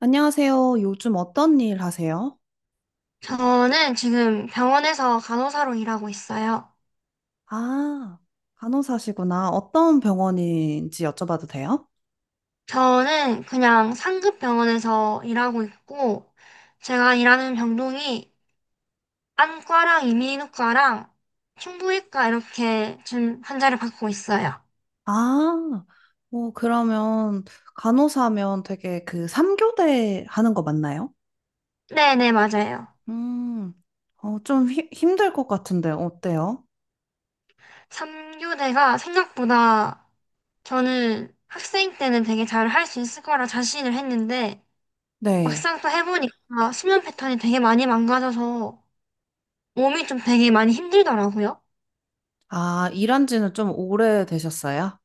안녕하세요. 요즘 어떤 일 하세요? 저는 지금 병원에서 간호사로 일하고 있어요. 아, 간호사시구나. 어떤 병원인지 여쭤봐도 돼요? 저는 그냥 상급 병원에서 일하고 있고, 제가 일하는 병동이 안과랑 이민후과랑 흉부외과 이렇게 지금 환자를 받고 있어요. 아, 뭐, 그러면 간호사면 되게 그 삼교대 하는 거 맞나요? 네네, 맞아요. 음, 좀 힘들 것 같은데, 어때요? 3교대가 생각보다, 저는 학생 때는 되게 잘 할 수 있을 거라 자신을 했는데, 네. 막상 또 해보니까 수면 패턴이 되게 많이 망가져서 몸이 좀 되게 많이 힘들더라고요. 아, 일한 지는 좀 오래 되셨어요?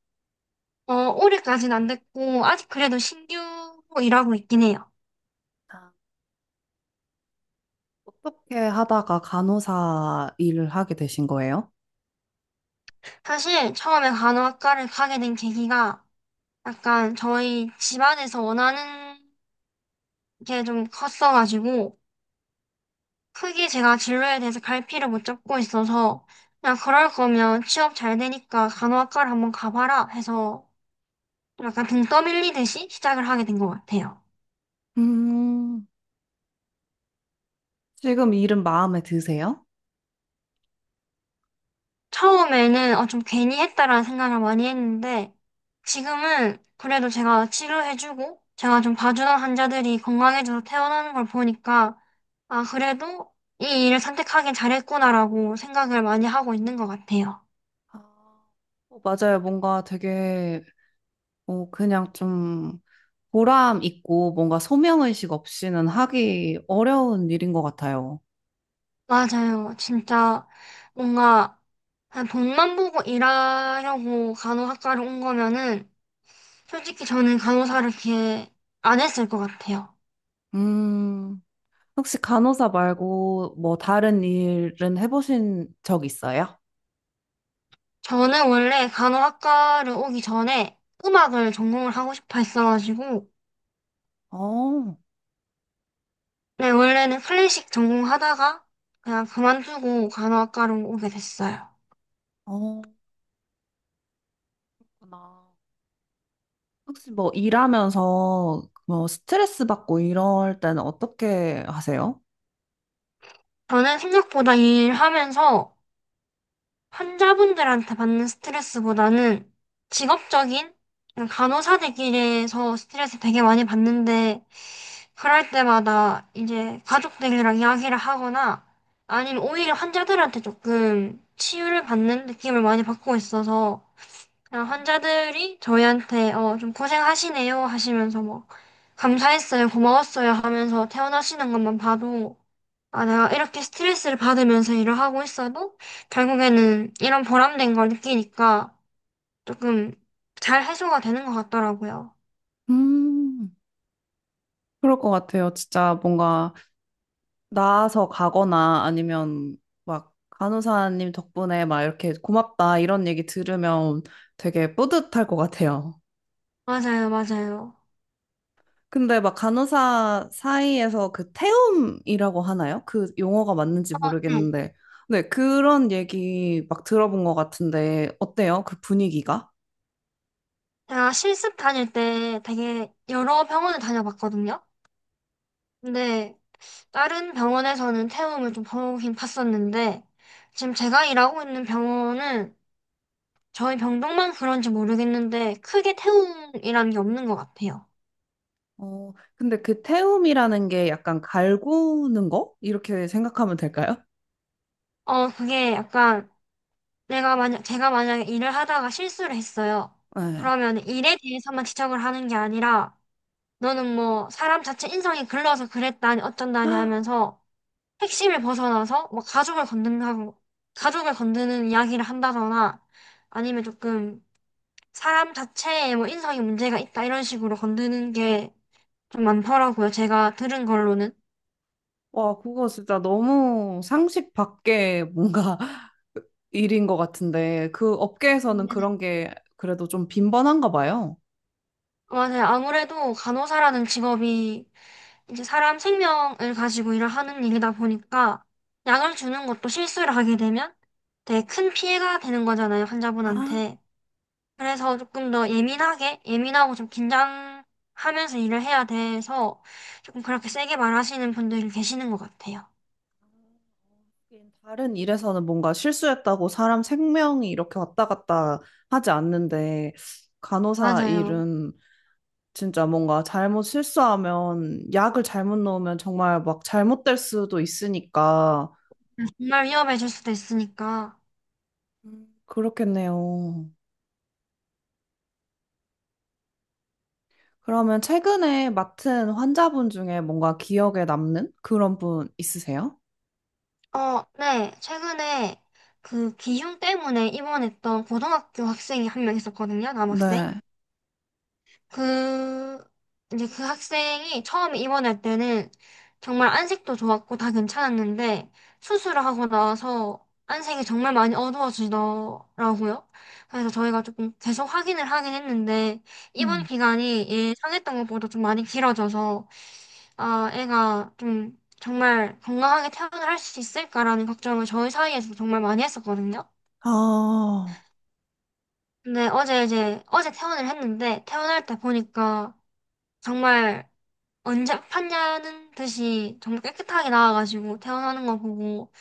올해까지는 안 됐고, 아직 그래도 신규로 일하고 있긴 해요. 아, 어떻게 하다가 간호사 일을 하게 되신 거예요? 사실 처음에 간호학과를 가게 된 계기가 약간 저희 집안에서 원하는 게 좀 컸어가지고, 크게 제가 진로에 대해서 갈피를 못 잡고 있어서, 그냥 그럴 거면 취업 잘 되니까 간호학과를 한번 가봐라 해서 약간 등 떠밀리듯이 시작을 하게 된 것 같아요. 음, 지금 일은 마음에 드세요? 처음에는 좀 괜히 했다라는 생각을 많이 했는데, 지금은 그래도 제가 치료해주고 제가 좀 봐주던 환자들이 건강해져서 퇴원하는 걸 보니까 아, 그래도 이 일을 선택하긴 잘했구나라고 생각을 많이 하고 있는 것 같아요. 아, 맞아요. 뭔가 되게 그냥 좀 보람 있고 뭔가 소명의식 없이는 하기 어려운 일인 것 같아요. 맞아요. 진짜 뭔가 그냥 돈만 보고 일하려고 간호학과를 온 거면은 솔직히 저는 간호사를 이렇게 안 했을 것 같아요. 음, 혹시 간호사 말고 뭐 다른 일은 해보신 적 있어요? 저는 원래 간호학과를 오기 전에 음악을 전공을 하고 싶어 했어가지고, 어, 네, 원래는 클래식 전공하다가 그냥 그만두고 간호학과로 오게 됐어요. 어, 그렇구나. 혹시 뭐 일하면서 뭐 스트레스 받고 이럴 때는 어떻게 하세요? 저는 생각보다 일하면서 환자분들한테 받는 스트레스보다는 직업적인 그냥 간호사들끼리에서 스트레스 되게 많이 받는데, 그럴 때마다 이제 가족들이랑 이야기를 하거나, 아니면 오히려 환자들한테 조금 치유를 받는 느낌을 많이 받고 있어서, 그냥 환자들이 저희한테 좀 고생하시네요 하시면서 뭐 감사했어요, 고마웠어요 하면서 퇴원하시는 것만 봐도 아, 내가 이렇게 스트레스를 받으면서 일을 하고 있어도 결국에는 이런 보람된 걸 느끼니까 조금 잘 해소가 되는 것 같더라고요. 음, 그럴 것 같아요. 진짜 뭔가 나아서 가거나 아니면 막 간호사님 덕분에 막 이렇게 고맙다 이런 얘기 들으면 되게 뿌듯할 것 같아요. 맞아요, 맞아요. 근데 막 간호사 사이에서 그 태움이라고 하나요? 그 용어가 맞는지 네. 모르겠는데. 네, 그런 얘기 막 들어본 것 같은데 어때요? 그 분위기가? 제가 실습 다닐 때 되게 여러 병원을 다녀봤거든요. 근데 다른 병원에서는 태움을 좀 보긴 봤었는데 지금 제가 일하고 있는 병원은 저희 병동만 그런지 모르겠는데 크게 태움이라는 게 없는 것 같아요. 근데 그 태움이라는 게 약간 갈구는 거? 이렇게 생각하면 될까요? 그게 약간 내가 만약 제가 만약에 일을 하다가 실수를 했어요. 네. 그러면 일에 대해서만 지적을 하는 게 아니라 너는 뭐 사람 자체 인성이 글러서 그랬다니 어쩐다니 하면서 핵심을 벗어나서 뭐 가족을 건든다고 가족을 건드는 이야기를 한다거나 아니면 조금 사람 자체에 뭐 인성이 문제가 있다 이런 식으로 건드는 게 좀 많더라고요. 제가 들은 걸로는. 와, 그거 진짜 너무 상식 밖에 뭔가 일인 것 같은데, 그 업계에서는 그런 게 그래도 좀 빈번한가 봐요. 맞아요. 아무래도 간호사라는 직업이 이제 사람 생명을 가지고 일을 하는 일이다 보니까 약을 주는 것도 실수를 하게 되면 되게 큰 피해가 되는 거잖아요, 아, 환자분한테. 그래서 조금 더 예민하게, 예민하고 좀 긴장하면서 일을 해야 돼서 조금 그렇게 세게 말하시는 분들이 계시는 것 같아요. 하긴 다른 일에서는 뭔가 실수했다고 사람 생명이 이렇게 왔다 갔다 하지 않는데, 간호사 맞아요. 일은 진짜 뭔가 잘못 실수하면, 약을 잘못 넣으면 정말 막 잘못될 수도 있으니까, 정말 위험해질 수도 있으니까. 그렇겠네요. 그러면 최근에 맡은 환자분 중에 뭔가 기억에 남는 그런 분 있으세요? 어, 네. 최근에 그 기흉 때문에 입원했던 고등학교 학생이 한 명 있었거든요, 남학생. 네. 그, 이제 그 학생이 처음 입원할 때는 정말 안색도 좋았고 다 괜찮았는데 수술을 하고 나서 안색이 정말 많이 어두워지더라고요. 그래서 저희가 조금 계속 확인을 하긴 했는데 입원 음. 기간이 예상했던 것보다 좀 많이 길어져서 아, 애가 좀 정말 건강하게 퇴원을 할 수 있을까라는 걱정을 저희 사이에서 정말 많이 했었거든요. 아, 근데 어제 이제 어제 퇴원을 했는데 퇴원할 때 보니까 정말 언제 아팠냐는 듯이 정말 깨끗하게 나와가지고 퇴원하는 거 보고,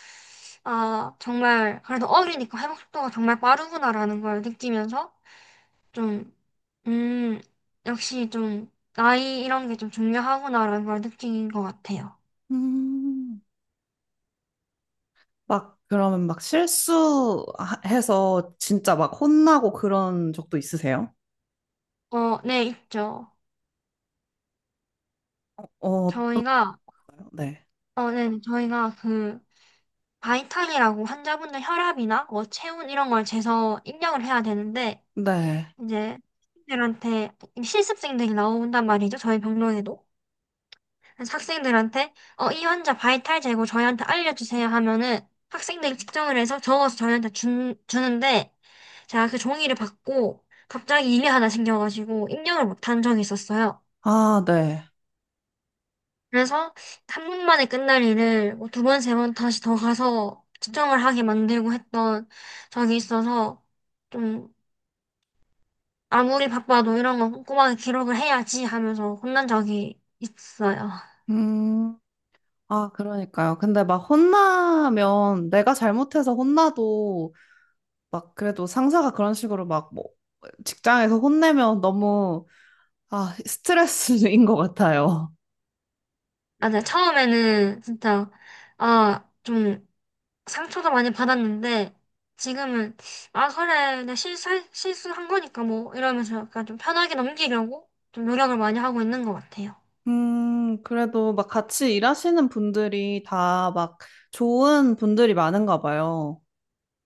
아, 정말, 그래도 어리니까 회복 속도가 정말 빠르구나라는 걸 느끼면서 좀, 음, 역시 좀, 나이 이런 게 좀 중요하구나라는 걸 느낀 것 같아요. 음. 막, 그러면 막 실수해서 진짜 막 혼나고 그런 적도 있으세요? 어, 네, 있죠. 어, 저희가, 네. 네, 네, 저희가 그, 바이탈이라고 환자분들 혈압이나 뭐 체온 이런 걸 재서 입력을 해야 되는데, 네. 이제, 들한테 실습생들이 나온단 말이죠. 저희 병동에도. 그래서 학생들한테 이 환자 바이탈 재고 저희한테 알려주세요 하면은 학생들이 측정을 해서 적어서 저희한테 주는데 제가 그 종이를 받고 갑자기 일이 하나 생겨가지고 입력을 못한 적이 있었어요. 아, 네. 그래서 한분 만에 끝날 일을 뭐 두 번, 세 번 다시 더 가서 측정을 하게 만들고 했던 적이 있어서 좀 아무리 바빠도 이런 거 꼼꼼하게 기록을 해야지 하면서 혼난 적이 있어요. 음. 아, 그러니까요. 근데 막 혼나면 내가 잘못해서 혼나도 막 그래도 상사가 그런 식으로 막 뭐 직장에서 혼내면 너무 아, 스트레스인 것 같아요. 맞아요. 처음에는 진짜 아, 좀 상처도 많이 받았는데 지금은 아 그래 내 실수한 거니까 뭐 이러면서 약간 좀 편하게 넘기려고 좀 노력을 많이 하고 있는 것 같아요. 그래도 막 같이 일하시는 분들이 다 막 좋은 분들이 많은가 봐요.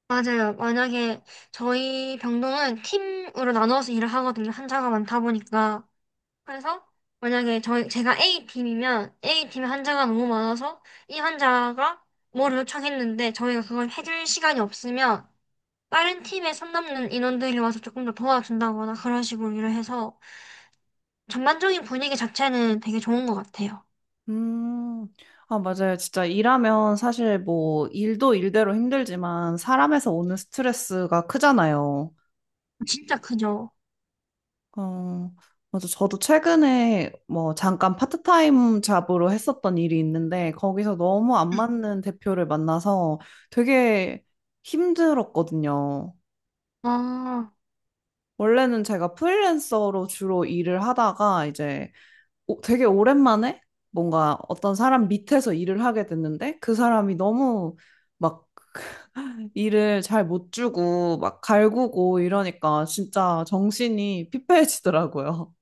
맞아요. 만약에 저희 병동은 팀으로 나눠서 일을 하거든요. 환자가 많다 보니까. 그래서 만약에 저희 제가 A 팀이면 A 팀에 환자가 너무 많아서 이 환자가 뭐를 요청했는데 저희가 그걸 해줄 시간이 없으면 다른 팀에 선 넘는 인원들이 와서 조금 더 도와준다거나 그런 식으로 일을 해서 전반적인 분위기 자체는 되게 좋은 것 같아요. 음, 아, 맞아요. 진짜 일하면 사실 뭐 일도 일대로 힘들지만 사람에서 오는 스트레스가 크잖아요. 진짜 크죠. 어, 맞아. 저도 최근에 뭐 잠깐 파트타임 잡으로 했었던 일이 있는데 거기서 너무 안 맞는 대표를 만나서 되게 힘들었거든요. 아, 원래는 제가 프리랜서로 주로 일을 하다가 이제 되게 오랜만에 뭔가 어떤 사람 밑에서 일을 하게 됐는데 그 사람이 너무 막 일을 잘 못 주고 막 갈구고 이러니까 진짜 정신이 피폐해지더라고요.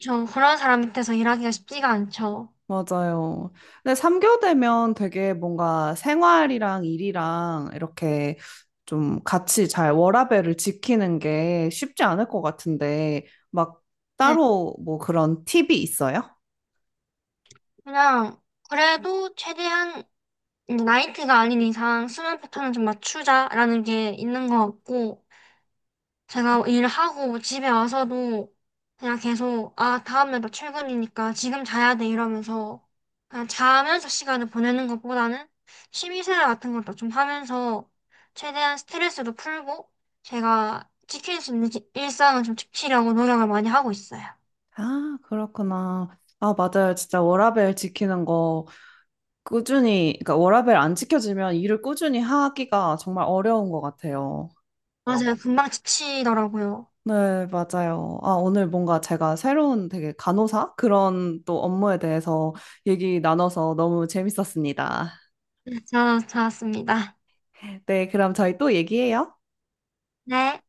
저 그런 사람 밑에서 일하기가 쉽지가 않죠. 맞아요. 근데 3교되면 되게 뭔가 생활이랑 일이랑 이렇게 좀 같이 잘 워라밸을 지키는 게 쉽지 않을 것 같은데, 막 네, 따로 뭐 그런 팁이 있어요? 그냥 그래도 최대한 이제 나이트가 아닌 이상 수면 패턴은 좀 맞추자라는 게 있는 것 같고, 제가 일하고 집에 와서도 그냥 계속, 아, 다음에 또 출근이니까 지금 자야 돼 이러면서 그냥 자면서 시간을 보내는 것보다는 취미생활 같은 것도 좀 하면서 최대한 스트레스도 풀고 제가 지킬 수 있는 일상을 좀 지키려고 노력을 많이 하고 있어요. 아, 그렇구나. 아, 맞아요. 진짜 워라밸 지키는 거 꾸준히, 그러니까 워라밸 안 지켜지면 일을 꾸준히 하기가 정말 어려운 것 같아요. 어, 맞아요. 금방 지치더라고요. 네, 맞아요. 아, 오늘 뭔가 제가 새로운 되게 간호사? 그런 또 업무에 대해서 얘기 나눠서 너무 재밌었습니다. 네, 잘았습니다. 네, 그럼 저희 또 얘기해요. 네.